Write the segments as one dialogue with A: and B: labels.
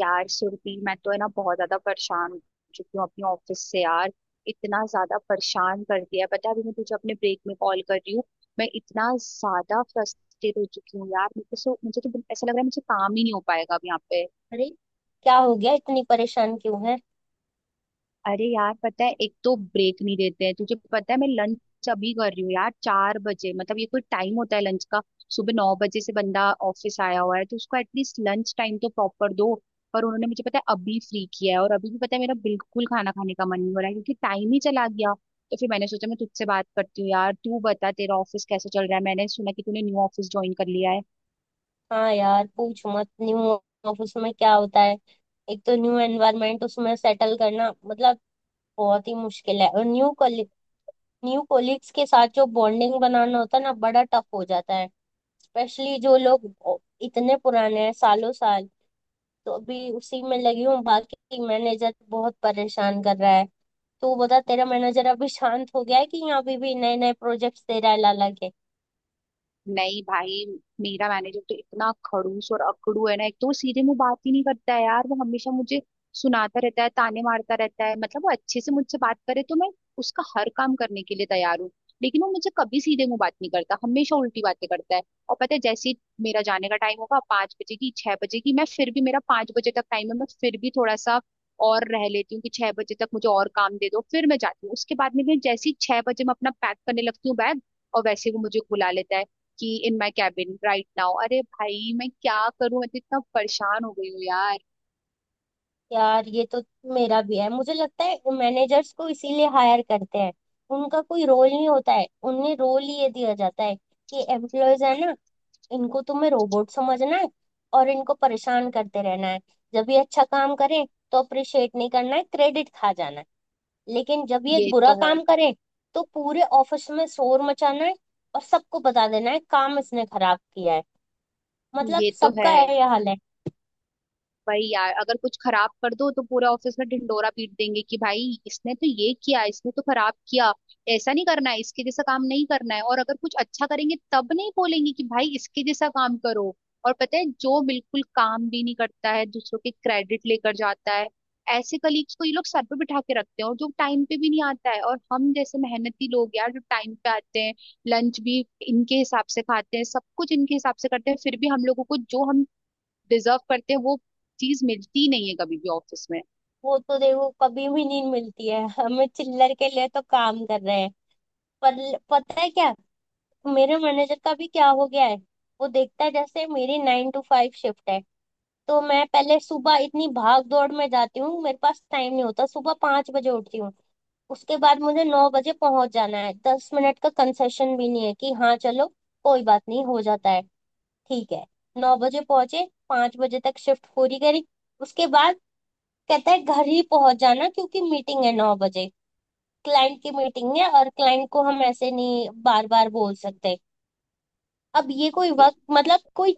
A: यार सुरभि मैं तो है ना बहुत ज्यादा परेशान हो चुकी हूँ अपने ऑफिस से यार। इतना ज्यादा परेशान कर दिया है। पता है अभी मैं तुझे अपने ब्रेक में कॉल कर रही हूँ। मैं इतना ज्यादा फ्रस्ट्रेट हो चुकी हूँ यार। मुझे तो ऐसा लग रहा है मुझे काम ही नहीं हो पाएगा अब यहाँ पे।
B: अरे क्या हो गया, इतनी परेशान क्यों है।
A: अरे यार पता है एक तो ब्रेक नहीं देते हैं। तुझे पता है मैं लंच अभी कर रही हूँ यार 4 बजे। मतलब ये कोई टाइम होता है लंच का। सुबह 9 बजे से बंदा ऑफिस आया हुआ है तो उसको एटलीस्ट लंच टाइम तो प्रॉपर दो। पर उन्होंने मुझे पता है अभी फ्री किया है, और अभी भी पता है मेरा बिल्कुल खाना खाने का मन नहीं हो रहा है क्योंकि टाइम ही चला गया। तो फिर मैंने सोचा मैं तुझसे बात करती हूँ यार। तू बता तेरा ऑफिस कैसे चल रहा है। मैंने सुना कि तूने न्यू ऑफिस ज्वाइन कर लिया है।
B: हाँ यार पूछ मत। न्यू ऑफिस में क्या होता है। एक तो न्यू एनवायरनमेंट उसमें सेटल करना मतलब बहुत ही मुश्किल है, और न्यू कोलिग्स के साथ जो बॉन्डिंग बनाना होता है ना बड़ा टफ हो जाता है। स्पेशली जो लोग इतने पुराने हैं सालों साल। तो अभी उसी में लगी हूँ, बाकी मैनेजर बहुत परेशान कर रहा है। तू बता, तेरा मैनेजर अभी शांत हो गया है कि यहाँ अभी भी नए नए प्रोजेक्ट्स दे रहा है लाला के।
A: नहीं भाई। मेरा मैनेजर तो इतना खड़ूस और अकड़ू है ना, एक तो वो सीधे मुंह बात ही नहीं करता है यार। वो हमेशा मुझे सुनाता रहता है, ताने मारता रहता है। मतलब वो अच्छे से मुझसे बात करे तो मैं उसका हर काम करने के लिए तैयार हूँ। लेकिन वो मुझे कभी सीधे मुंह बात नहीं करता, हमेशा उल्टी बातें करता है। और पता है जैसे ही मेरा जाने का टाइम होगा, 5 बजे की, 6 बजे की, मैं फिर भी, मेरा 5 बजे तक टाइम है, मैं फिर भी थोड़ा सा और रह लेती हूँ कि 6 बजे तक मुझे और काम दे दो फिर मैं जाती हूँ। उसके बाद में भी जैसे ही 6 बजे मैं अपना पैक करने लगती हूँ बैग, और वैसे ही वो मुझे बुला लेता है कि in my cabin right now. अरे भाई मैं क्या करूं, मैं तो इतना परेशान हो गई हूँ यार।
B: यार ये तो मेरा भी है। मुझे लगता है मैनेजर्स को इसीलिए हायर करते हैं, उनका कोई रोल नहीं होता है। उन्हें रोल ये दिया जाता है कि एम्प्लॉयज है ना, इनको तुम्हें रोबोट समझना है और इनको परेशान करते रहना है। जब ये अच्छा काम करें तो अप्रिशिएट नहीं करना है, क्रेडिट खा जाना है। लेकिन जब ये एक
A: ये
B: बुरा
A: तो है।
B: काम करें तो पूरे ऑफिस में शोर मचाना है और सबको बता देना है काम इसने खराब किया है। मतलब
A: ये तो है।
B: सबका है यह हाल है।
A: वही यार, अगर कुछ खराब कर दो तो पूरा ऑफिस में ढिंडोरा पीट देंगे कि भाई इसने तो ये किया, इसने तो खराब किया, ऐसा नहीं करना है, इसके जैसा काम नहीं करना है। और अगर कुछ अच्छा करेंगे तब नहीं बोलेंगे कि भाई इसके जैसा काम करो। और पता है, जो बिल्कुल काम भी नहीं करता है, दूसरों के क्रेडिट लेकर जाता है, ऐसे कलीग्स को ये लोग सर पे बिठा के रखते हैं। और जो टाइम पे भी नहीं आता है, और हम जैसे मेहनती लोग यार जो टाइम पे आते हैं, लंच भी इनके हिसाब से खाते हैं, सब कुछ इनके हिसाब से करते हैं, फिर भी हम लोगों को जो हम डिजर्व करते हैं वो चीज मिलती नहीं है कभी भी ऑफिस में।
B: वो तो देखो कभी भी नहीं मिलती है, हमें चिल्लर के लिए तो काम कर रहे हैं। पर पता है क्या, मेरे मैनेजर का भी क्या हो गया है। वो देखता है जैसे मेरी 9 टू 5 शिफ्ट है, तो मैं पहले सुबह इतनी भाग दौड़ में जाती हूँ, मेरे पास टाइम नहीं होता। सुबह 5 बजे उठती हूँ, उसके बाद मुझे 9 बजे पहुंच जाना है। 10 मिनट का कंसेशन भी नहीं है कि हाँ चलो कोई बात नहीं हो जाता है, ठीक है। 9 बजे पहुंचे, 5 बजे तक शिफ्ट पूरी करी। उसके बाद कहता है घर ही पहुंच जाना क्योंकि मीटिंग है 9 बजे। क्लाइंट की मीटिंग है और क्लाइंट को हम ऐसे नहीं बार बार बोल सकते। अब ये कोई
A: ये-
B: वक्त, मतलब कोई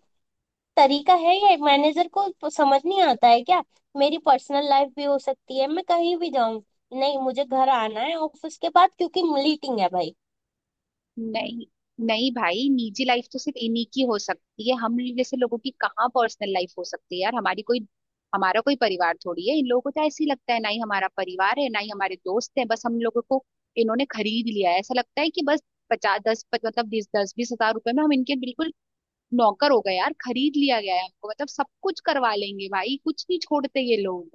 B: तरीका है, या मैनेजर को समझ नहीं आता है क्या। मेरी पर्सनल लाइफ भी हो सकती है, मैं कहीं भी जाऊं। नहीं, मुझे घर आना है ऑफिस के बाद क्योंकि मीटिंग है भाई।
A: नहीं नहीं भाई, निजी लाइफ तो सिर्फ इन्हीं की हो सकती है। हम जैसे लोगों की कहाँ पर्सनल लाइफ हो सकती है यार। हमारी कोई हमारा कोई परिवार थोड़ी है, इन लोगों को तो ऐसे ही लगता है, ना ही हमारा परिवार है ना ही हमारे दोस्त हैं, बस हम लोगों को इन्होंने खरीद लिया है, ऐसा लगता है कि बस मतलब ₹20,000 में हम इनके बिल्कुल नौकर हो गए यार। खरीद लिया गया है हमको। मतलब सब कुछ करवा लेंगे भाई, कुछ नहीं छोड़ते ये लोग।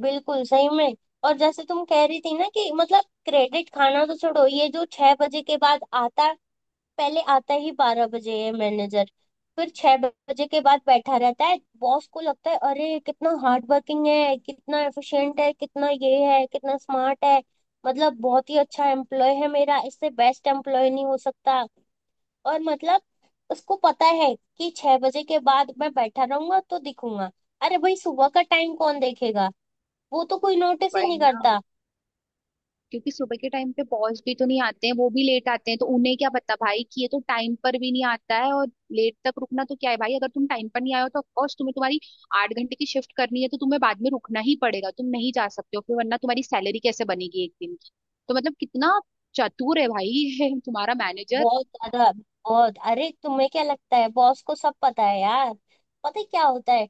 B: बिल्कुल, सही में। और जैसे तुम कह रही थी ना कि मतलब क्रेडिट खाना तो छोड़ो, ये जो 6 बजे के बाद आता है, पहले आता ही 12 बजे है मैनेजर। फिर 6 बजे के बाद बैठा रहता है, बॉस को लगता है अरे कितना हार्ड वर्किंग है, कितना एफिशिएंट है, कितना ये है, कितना स्मार्ट है। मतलब बहुत ही अच्छा एम्प्लॉय है मेरा, इससे बेस्ट एम्प्लॉय नहीं हो सकता। और मतलब उसको पता है कि 6 बजे के बाद मैं बैठा रहूंगा तो दिखूंगा। अरे भाई, सुबह का टाइम कौन देखेगा, वो तो कोई नोटिस ही
A: भाई
B: नहीं
A: ना,
B: करता।
A: क्योंकि सुबह के टाइम पे बॉस भी तो नहीं आते हैं, वो भी लेट आते हैं, तो उन्हें क्या पता भाई कि ये तो टाइम पर भी नहीं आता है। और लेट तक रुकना तो क्या है भाई, अगर तुम टाइम पर नहीं आए हो तो ऑफकोर्स तुम्हें, तुम्हारी 8 घंटे की शिफ्ट करनी है, तो तुम्हें बाद में रुकना ही पड़ेगा। तुम नहीं जा सकते हो फिर, वरना तुम्हारी सैलरी कैसे बनेगी एक दिन की। तो मतलब कितना चतुर है भाई ये तुम्हारा मैनेजर।
B: बहुत ज्यादा। बहुत। अरे तुम्हें क्या लगता है बॉस को सब पता है यार। पता है क्या होता है,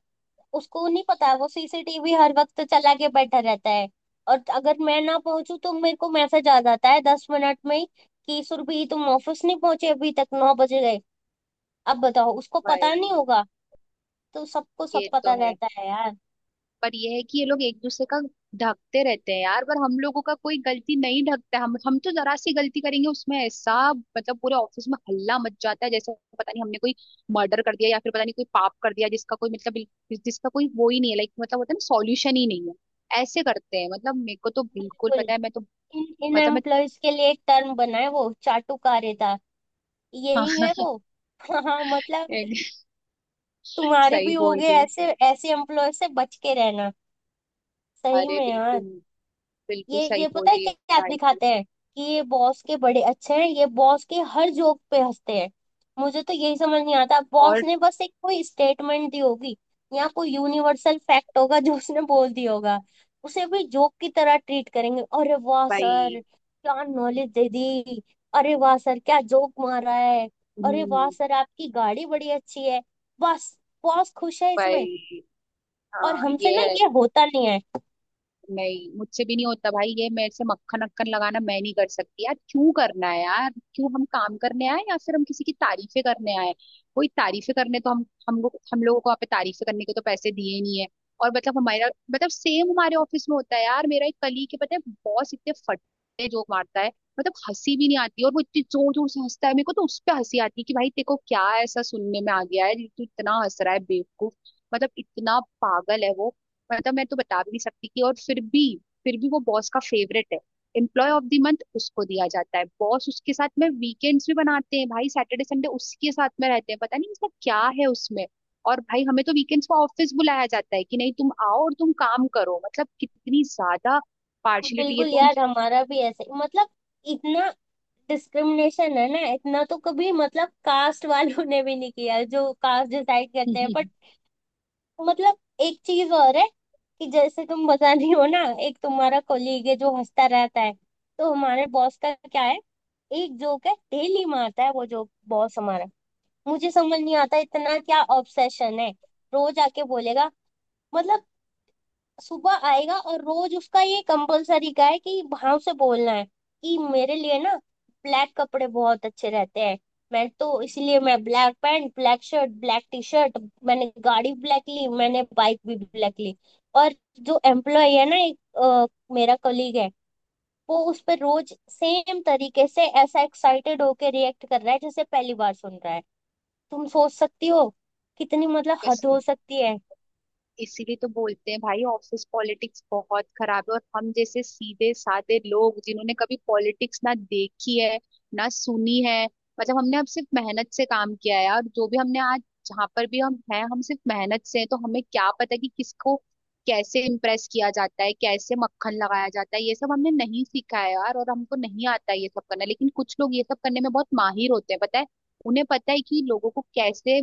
B: उसको नहीं पता। वो सीसीटीवी हर वक्त चला के बैठा रहता है। और अगर मैं ना पहुंचू तो मेरे को मैसेज आ जाता है 10 मिनट में ही, कि सुरभि तुम ऑफिस नहीं पहुंचे अभी तक, 9 बज गए। अब बताओ उसको पता नहीं
A: भाई
B: होगा। तो सबको सब
A: ये तो
B: पता
A: है।
B: रहता है यार।
A: पर यह है कि ये लोग एक दूसरे का ढकते रहते हैं यार, पर हम लोगों का कोई गलती नहीं ढकता। हम तो जरा सी गलती करेंगे, उसमें ऐसा मतलब पूरे ऑफिस में हल्ला मच जाता है, जैसे पता नहीं हमने कोई मर्डर कर दिया या फिर पता नहीं कोई पाप कर दिया जिसका कोई मतलब जिसका कोई वो ही नहीं है, लाइक मतलब होता है ना, सॉल्यूशन ही नहीं है। ऐसे करते हैं। मतलब मेरे को तो बिल्कुल
B: बिल्कुल।
A: पता है, मैं तो
B: इन इन
A: मतलब मैं
B: एम्प्लॉयज के लिए एक टर्म बना है, वो चाटुकारिता। यही
A: हाँ।
B: है वो। हाँ मतलब, तुम्हारे
A: सही
B: भी हो
A: बोल
B: गए
A: रही।
B: ऐसे। ऐसे एम्प्लॉयर से बच के रहना, सही
A: अरे
B: में यार।
A: बिल्कुल, बिल्कुल
B: ये
A: सही
B: ये
A: बोल
B: पता है
A: रही
B: क्या
A: है।
B: क्या
A: भाई तू।
B: दिखाते हैं, कि ये बॉस के बड़े अच्छे हैं, ये बॉस के हर जोक पे हंसते हैं। मुझे तो यही समझ नहीं आता, बॉस
A: और
B: ने बस एक कोई स्टेटमेंट दी होगी या कोई यूनिवर्सल फैक्ट होगा जो उसने बोल दिया होगा, उसे भी जोक की तरह ट्रीट करेंगे। अरे वाह सर,
A: भाई।
B: क्या नॉलेज दे दी। अरे वाह सर, क्या जोक मारा है। अरे वाह
A: हम्म।
B: सर, आपकी गाड़ी बड़ी अच्छी है। बस बॉस खुश है इसमें।
A: भाई
B: और
A: हाँ
B: हमसे
A: ये
B: ना
A: है।
B: ये होता नहीं है।
A: नहीं मुझसे भी नहीं होता भाई, ये मेरे से मक्खन अक्खन लगाना मैं नहीं कर सकती यार। क्यों करना है यार, क्यों हम काम करने आए या फिर हम किसी की तारीफें करने आए। कोई तारीफें करने तो, हम लोग, हम लोगों को यहाँ पे तारीफें करने के तो पैसे दिए नहीं है। और मतलब हमारा, मतलब सेम हमारे ऑफिस में होता है यार। मेरा एक कलीग है, पता है बॉस इतने फटे जोक मारता है, मतलब हंसी भी नहीं आती, और वो इतनी जोर जोर से हंसता है। मेरे को तो उस पे हंसी आती है कि भाई तेरे को क्या ऐसा सुनने में आ गया है जो तू इतना हंस रहा है बेवकूफ। मतलब इतना पागल है वो, मतलब मैं तो बता भी नहीं सकती कि, और फिर भी वो बॉस का फेवरेट है। एम्प्लॉय ऑफ द मंथ उसको दिया जाता है, बॉस उसके साथ में वीकेंड्स भी बनाते हैं भाई, सैटरडे संडे उसके साथ में रहते हैं, पता नहीं इसका क्या है उसमें। और भाई हमें तो वीकेंड्स को ऑफिस बुलाया जाता है कि नहीं तुम आओ और तुम काम करो। मतलब कितनी ज्यादा पार्शलिटी है।
B: बिल्कुल यार, हमारा भी ऐसे, मतलब इतना डिस्क्रिमिनेशन है ना, इतना तो कभी मतलब कास्ट वालों ने भी नहीं किया जो कास्ट डिसाइड करते हैं, बट
A: तुम
B: मतलब एक चीज और है, कि जैसे तुम बता रही हो ना, एक तुम्हारा कोलीग है जो हंसता रहता है, तो हमारे बॉस का क्या है, एक जोक है डेली मारता है वो जोक बॉस हमारा। मुझे समझ नहीं आता इतना क्या ऑब्सेशन है। रोज आके बोलेगा, मतलब सुबह आएगा, और रोज उसका ये कंपलसरी का है कि भाव से बोलना है कि मेरे लिए ना ब्लैक कपड़े बहुत अच्छे रहते हैं, मैं तो इसलिए मैं black pant black shirt black T shirt, मैंने गाड़ी ब्लैक ली, मैंने बाइक भी ब्लैक ली। और जो एम्प्लॉय है ना, एक मेरा कलीग है, वो उस पर रोज सेम तरीके से ऐसा एक्साइटेड होके रिएक्ट कर रहा है जैसे पहली बार सुन रहा है। तुम सोच सकती हो कितनी मतलब हद हो सकती है।
A: इसीलिए तो बोलते हैं भाई, ऑफिस पॉलिटिक्स बहुत खराब है, और हम जैसे सीधे साधे लोग जिन्होंने कभी पॉलिटिक्स ना देखी है ना सुनी है, मतलब हमने अब सिर्फ मेहनत से काम किया है यार। जो भी हमने आज, जहाँ पर भी हम हैं, हम सिर्फ मेहनत से हैं, तो हमें क्या पता कि किसको कैसे इम्प्रेस किया जाता है, कैसे मक्खन लगाया जाता है, ये सब हमने नहीं सीखा है यार, और हमको नहीं आता है ये सब करना। लेकिन कुछ लोग ये सब करने में बहुत माहिर होते हैं, पता है। उन्हें पता है कि लोगों को कैसे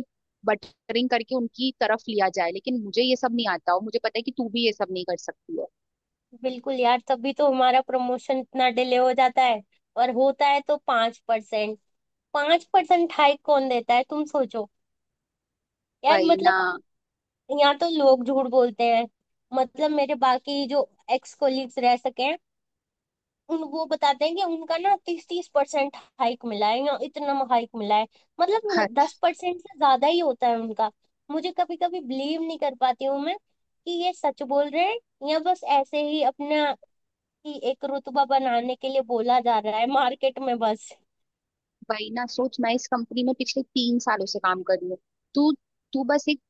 A: रिंग करके उनकी तरफ लिया जाए, लेकिन मुझे ये सब नहीं आता, और मुझे पता है कि तू भी ये सब नहीं कर सकती है।
B: बिल्कुल यार, तभी तो हमारा प्रमोशन इतना डिले हो जाता है, और होता है तो 5%। 5% हाइक कौन देता है, तुम सोचो यार,
A: वही ना।
B: मतलब यहाँ तो लोग झूठ बोलते हैं। मतलब मेरे बाकी जो एक्स कोलीग्स रह सके हैं, उन वो बताते हैं कि उनका ना तीस तीस परसेंट हाइक मिला है या इतना हाइक मिला है। मतलब
A: हर
B: 10% से ज्यादा ही होता है उनका। मुझे कभी कभी बिलीव नहीं कर पाती हूँ मैं कि ये सच बोल रहे हैं, या बस ऐसे ही अपना, कि एक रुतबा बनाने के लिए बोला जा रहा है मार्केट में बस।
A: वही ना, सोच मैं इस कंपनी में पिछले 3 सालों से काम कर रही हूँ। तू तू बस एक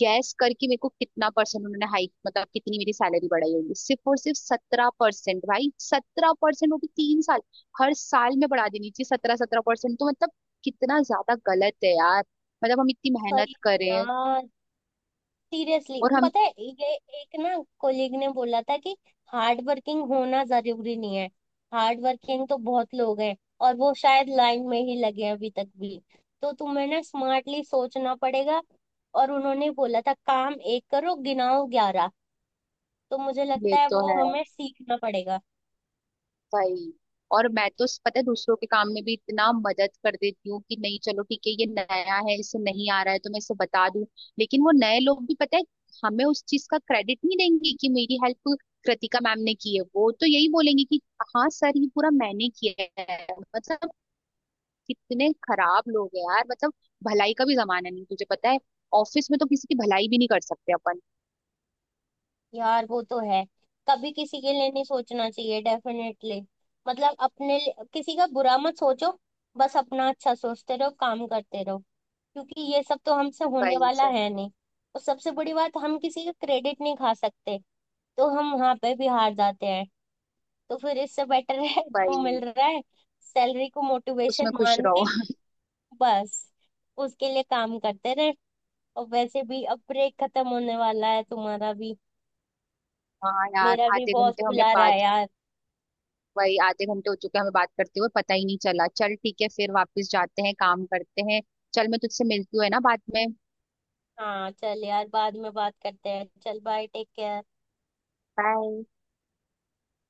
A: गैस करके, मेरे को कितना परसेंट उन्होंने हाइक, मतलब कितनी मेरी सैलरी बढ़ाई होगी, सिर्फ और सिर्फ 17% भाई। 17%, वो भी 3 साल। हर साल में बढ़ा देनी चाहिए 17-17%। तो मतलब कितना ज्यादा गलत है यार, मतलब हम इतनी
B: सही
A: मेहनत
B: है
A: करें
B: यार। सीरियसली,
A: और हम।
B: पता है, ये एक ना कोलीग ने बोला था कि हार्ड वर्किंग होना जरूरी नहीं है, हार्ड वर्किंग तो बहुत लोग हैं और वो शायद लाइन में ही लगे हैं अभी तक भी, तो तुम्हें ना स्मार्टली सोचना पड़ेगा। और उन्होंने बोला था काम एक करो गिनाओ 11, तो मुझे लगता
A: ये
B: है
A: तो
B: वो
A: है।
B: हमें सीखना पड़ेगा।
A: वही। और मैं तो पता है दूसरों के काम में भी इतना मदद कर देती हूँ कि नहीं चलो ठीक है, ये नया है, इसे नहीं आ रहा है, तो मैं इसे बता दूं। लेकिन वो नए लोग भी, पता है, हमें उस चीज का क्रेडिट नहीं देंगे कि मेरी हेल्प कृतिका मैम ने की है, वो तो यही बोलेंगे कि हाँ सर ये पूरा मैंने किया है। मतलब कितने खराब लोग हैं यार, मतलब भलाई का भी जमाना नहीं, तुझे पता है। ऑफिस में तो किसी की भलाई भी नहीं कर सकते अपन।
B: यार वो तो है, कभी किसी के लिए नहीं सोचना चाहिए, डेफिनेटली। मतलब किसी का बुरा मत सोचो, बस अपना अच्छा सोचते रहो, काम करते रहो, क्योंकि ये सब तो हमसे होने
A: वही
B: वाला
A: से
B: है नहीं। और सबसे बड़ी बात, हम किसी का क्रेडिट नहीं खा सकते, तो हम वहां पे भी हार जाते हैं। तो फिर इससे बेटर है जो
A: वही,
B: मिल रहा है सैलरी को मोटिवेशन
A: उसमें खुश
B: मान
A: रहो।
B: के, बस उसके लिए काम करते रहे। और वैसे भी अब ब्रेक खत्म होने वाला है तुम्हारा भी,
A: हाँ यार,
B: मेरा भी
A: आधे
B: बॉस
A: घंटे हमें
B: बुला रहा
A: बात।
B: है यार।
A: वही, आधे घंटे हो चुके हैं हमें बात करते हुए, पता ही नहीं चला। चल ठीक है फिर, वापस जाते हैं, काम करते हैं। चल, मैं तुझसे मिलती हूँ है ना बाद में।
B: हाँ चल यार, बाद में बात करते हैं, चल बाय, टेक केयर।
A: बाय।